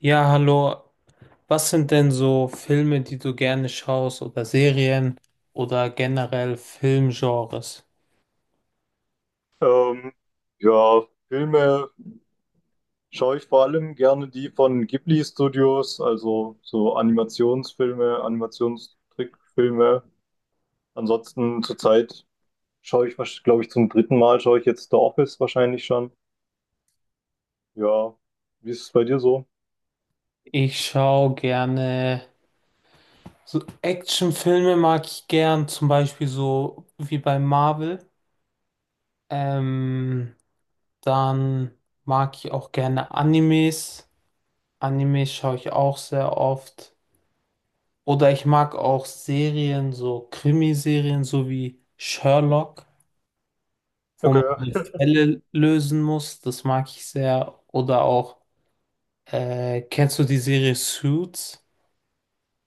Ja, hallo. Was sind denn so Filme, die du gerne schaust oder Serien oder generell Filmgenres? Ähm, ja, Filme schaue ich vor allem gerne die von Ghibli Studios, also so Animationsfilme, Animationstrickfilme. Ansonsten zurzeit schaue ich, glaube ich, zum dritten Mal schaue ich jetzt The Office wahrscheinlich schon. Ja, wie ist es bei dir so? Ich schaue gerne so Actionfilme mag ich gern, zum Beispiel so wie bei Marvel. Ähm, Dann mag ich auch gerne Animes. Animes schaue ich auch sehr oft. Oder ich mag auch Serien, so Krimiserien, so wie Sherlock, wo Okay, man die ja. Fälle lösen muss. Das mag ich sehr. Oder auch, kennst du die Serie Suits?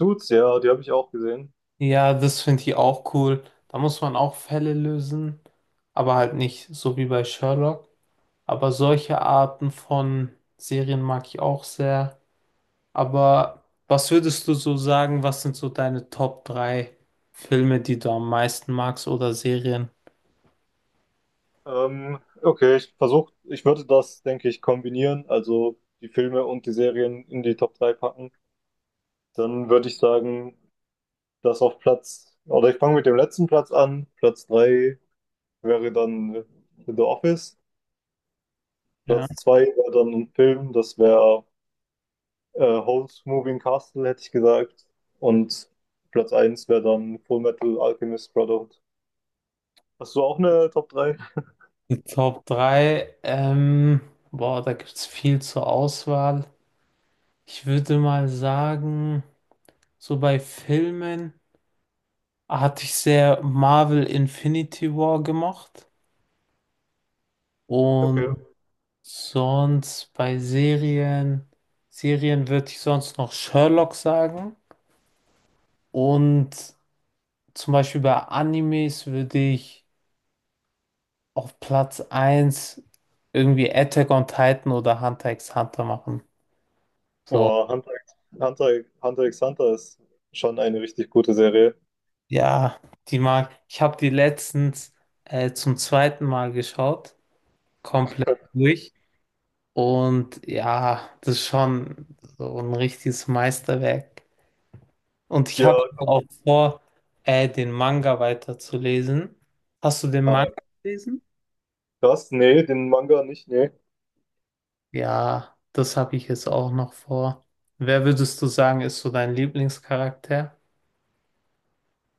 Suits, ja, die habe ich auch gesehen. Ja, das finde ich auch cool. Da muss man auch Fälle lösen, aber halt nicht so wie bei Sherlock. Aber solche Arten von Serien mag ich auch sehr. Aber was würdest du so sagen, was sind so deine Top 3 Filme, die du am meisten magst oder Serien? Okay, ich würde das, denke ich, kombinieren, also die Filme und die Serien in die Top 3 packen. Dann würde ich sagen, oder ich fange mit dem letzten Platz an. Platz 3 wäre dann The Office. Ja. Platz 2 wäre dann ein Film, das wäre Howl's Moving Castle, hätte ich gesagt. Und Platz eins wäre dann Full Metal Alchemist Brotherhood. Hast du auch eine Top drei? Die Top 3. Boah, da gibt es viel zur Auswahl. Ich würde mal sagen, so bei Filmen hatte ich sehr Marvel Infinity War gemacht und Okay. sonst bei Serien würde ich sonst noch Sherlock sagen und zum Beispiel bei Animes würde ich auf Platz eins irgendwie Attack on Titan oder Hunter x Hunter machen. So, Boah, Hunter, Hunter x Hunter ist schon eine richtig gute Serie. ja, die mag. Ich habe die letztens zum zweiten Mal geschaut, komplett durch. Und ja, das ist schon so ein richtiges Meisterwerk. Und ich Ja, habe auch vor, den Manga weiterzulesen. Hast du den äh, Manga gelesen? krass, nee, den Manga nicht, nee. Ja, das habe ich jetzt auch noch vor. Wer würdest du sagen, ist so dein Lieblingscharakter?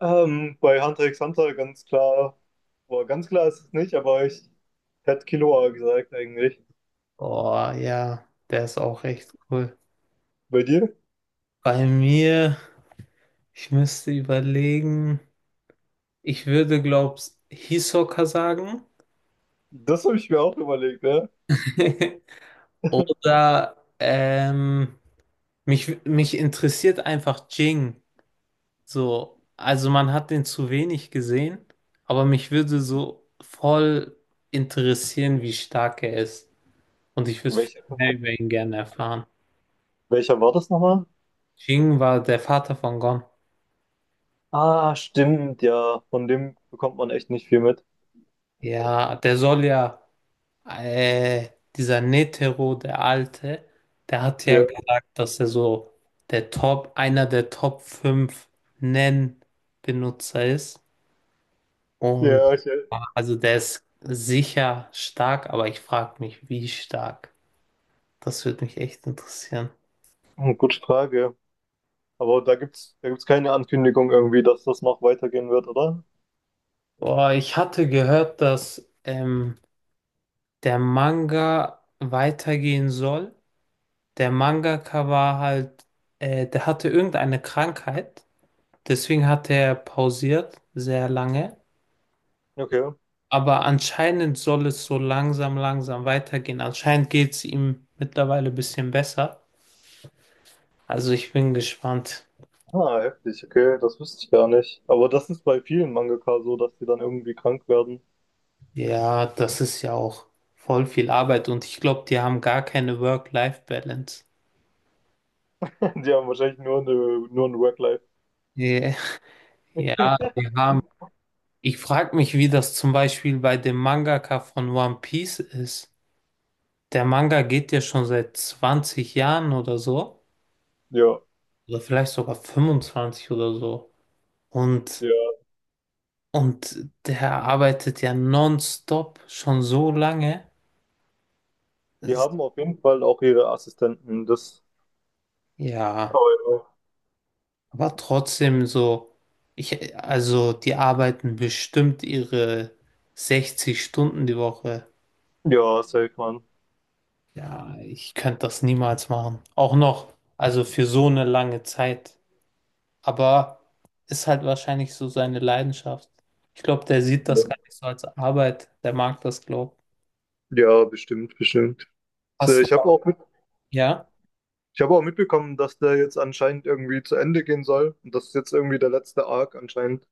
Bei Hunter x Hunter ganz klar, boah, ganz klar ist es nicht, aber ich hätte Killua gesagt eigentlich. Oh ja, der ist auch echt cool. Bei dir? Bei mir, ich müsste überlegen, ich würde, glaub's, Hisoka sagen. Das habe ich mir auch überlegt, ne? Oder mich interessiert einfach Jing. So, also man hat den zu wenig gesehen, aber mich würde so voll interessieren, wie stark er ist. Und ich würde viel Welch, mehr über ihn gerne erfahren. welcher war das nochmal? Jing war der Vater von Gon. Ah, stimmt, ja. Von dem bekommt man echt nicht viel mit. Ja, der soll ja, äh, dieser Netero, der Alte, der hat ja Ja, gesagt, dass er so einer der Top 5 Nen-Benutzer ist. Und ja, also der ist sicher stark, aber ich frage mich, wie stark. Das würde mich echt interessieren. hm, gute Frage. Aber da gibt's keine Ankündigung irgendwie, dass das noch weitergehen wird, oder? Boah, ich hatte gehört, dass der Manga weitergehen soll. Der Mangaka war halt, der hatte irgendeine Krankheit. Deswegen hat er pausiert sehr lange. Okay. Aber anscheinend soll es so langsam, langsam weitergehen. Anscheinend geht es ihm mittlerweile ein bisschen besser. Also ich bin gespannt. Ah, heftig, okay, das wusste ich gar nicht. Aber das ist bei vielen Mangaka so, dass die dann irgendwie krank werden. Ja, das ist ja auch voll viel Arbeit und ich glaube, die haben gar keine Work-Life-Balance. Die haben wahrscheinlich nur ein Work-Life. Yeah. Ja, die haben. Ich frage mich, wie das zum Beispiel bei dem Mangaka von One Piece ist. Der Manga geht ja schon seit 20 Jahren oder so, Ja, oder vielleicht sogar 25 oder so. Und, ja. und der arbeitet ja nonstop schon so lange. Die Es- haben auf jeden Fall auch ihre Assistenten. Das, Ja. aber Aber trotzdem so, also die arbeiten bestimmt ihre 60 Stunden die Woche. ja, ja, safe, Mann. Ja, ich könnte das niemals machen. Auch noch, also für so eine lange Zeit. Aber ist halt wahrscheinlich so seine Leidenschaft. Ich glaube, der sieht das gar nicht so als Arbeit. Der mag das, glaube ich. Ja, bestimmt, bestimmt. So, Hast du, ja, ich habe auch mitbekommen, dass der jetzt anscheinend irgendwie zu Ende gehen soll. Und das ist jetzt irgendwie der letzte Arc anscheinend.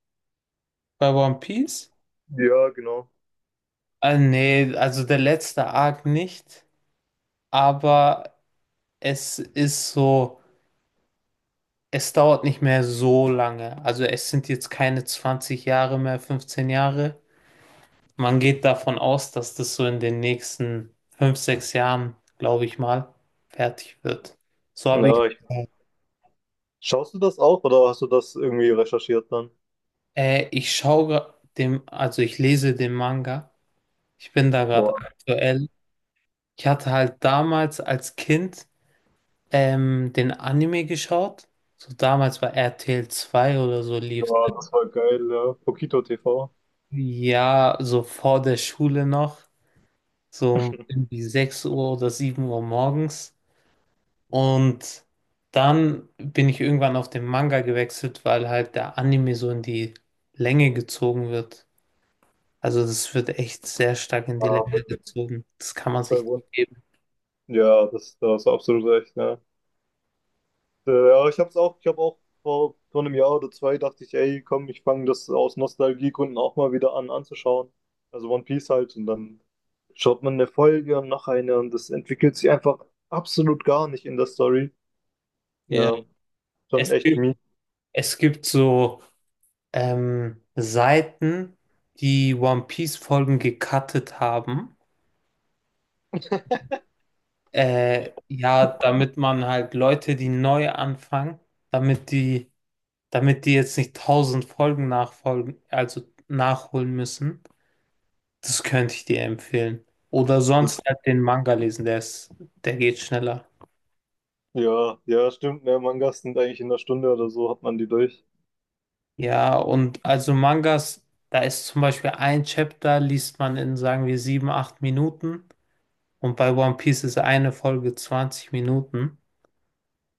bei One Piece? Ja, genau. Nee, also der letzte Arc nicht. Aber es ist so. Es dauert nicht mehr so lange. Also es sind jetzt keine 20 Jahre mehr, 15 Jahre. Man geht davon aus, dass das so in den nächsten 5, 6 Jahren, glaube ich mal, fertig wird. So habe ich, Ja, schaust du das auch oder hast du das irgendwie recherchiert dann? Ich schaue dem, also ich lese den Manga. Ich bin da gerade Boah, aktuell. Ich hatte halt damals als Kind den Anime geschaut. So damals bei RTL 2 oder so lief. ja, das war geil, ja. Pokito TV. Ja, so vor der Schule noch, so irgendwie 6 Uhr oder 7 Uhr morgens. Und dann bin ich irgendwann auf den Manga gewechselt, weil halt der Anime so in die Länge gezogen wird. Also das wird echt sehr stark in Ja, die Länge bei- gezogen. Das kann man bei sich One. nicht geben. Ja, da hast du absolut recht, ja. Ja, ich habe auch vor, vor einem Jahr oder zwei dachte ich, ey, komm, ich fange das aus Nostalgiegründen auch mal wieder an anzuschauen. Also One Piece halt und dann schaut man eine Folge und noch eine und das entwickelt sich einfach absolut gar nicht in der Story. Ja. Ja, schon Es echt gibt, mies. es gibt so Seiten, die One Piece-Folgen gecuttet haben. Ja, damit man halt Leute, die neu anfangen, damit die damit die jetzt nicht 1.000 Folgen nachfolgen, also nachholen müssen. Das könnte ich dir empfehlen. Oder Das, sonst halt den Manga lesen, der geht schneller. ja, ja, stimmt, ne, Mangas sind eigentlich in einer Stunde oder so hat man die durch. Ja, und also Mangas, da ist zum Beispiel ein Chapter, liest man in, sagen wir, sieben, acht Minuten. Und bei One Piece ist eine Folge 20 Minuten.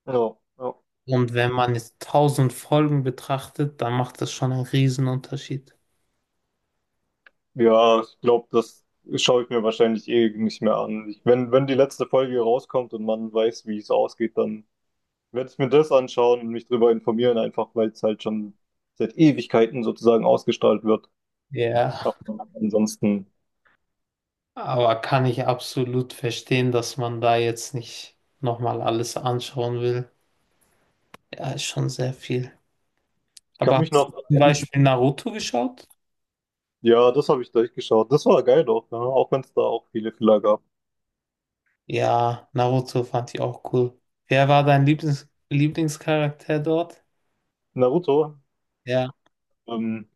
Ja, ja. Und wenn man jetzt 1.000 Folgen betrachtet, dann macht das schon einen Riesenunterschied. Ja, ich glaube, das schaue ich mir wahrscheinlich eh nicht mehr an. Ich, wenn, wenn die letzte Folge rauskommt und man weiß, wie es ausgeht, dann werde ich mir das anschauen und mich darüber informieren, einfach weil es halt schon seit Ewigkeiten sozusagen ausgestrahlt wird. Ja. Aber ansonsten, Aber kann ich absolut verstehen, dass man da jetzt nicht nochmal alles anschauen will. Ja, ist schon sehr viel. ich kann Aber mich hast du zum, noch. ja, Beispiel Naruto geschaut? Ja, das habe ich durchgeschaut. Das war geil doch, ja, auch wenn es da auch viele Fehler gab. Ja, Naruto fand ich auch cool. Wer war dein Lieblingscharakter dort? Naruto, Ja. ähm,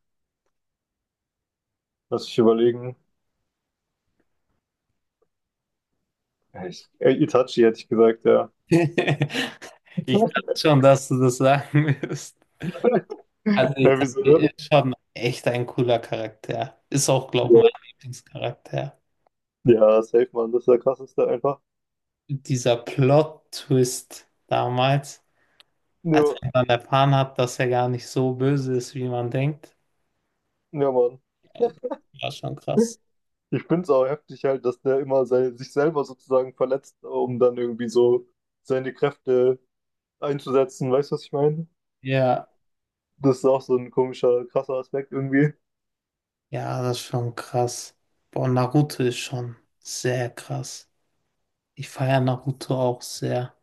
lass ich überlegen. Itachi hätte ich gesagt, ja. Ich dachte schon, dass du das sagen wirst. Also Ja, Itachi wieso? ist schon echt ein cooler Charakter. Ist auch, glaube ich, Ja, mein Lieblingscharakter. ja safe, Mann, das ist der krasseste einfach. Dieser Plot-Twist damals. Als Nur ich dann erfahren habe, dass er gar nicht so böse ist, wie man denkt, ja, Mann. war schon krass. Ich finde es auch heftig halt, dass der immer sich selber sozusagen verletzt, um dann irgendwie so seine Kräfte einzusetzen. Weißt du, was ich meine? Ja, Das ist auch so ein komischer, krasser Aspekt irgendwie. ja, das ist schon krass. Boah, Naruto ist schon sehr krass. Ich feiere Naruto auch sehr.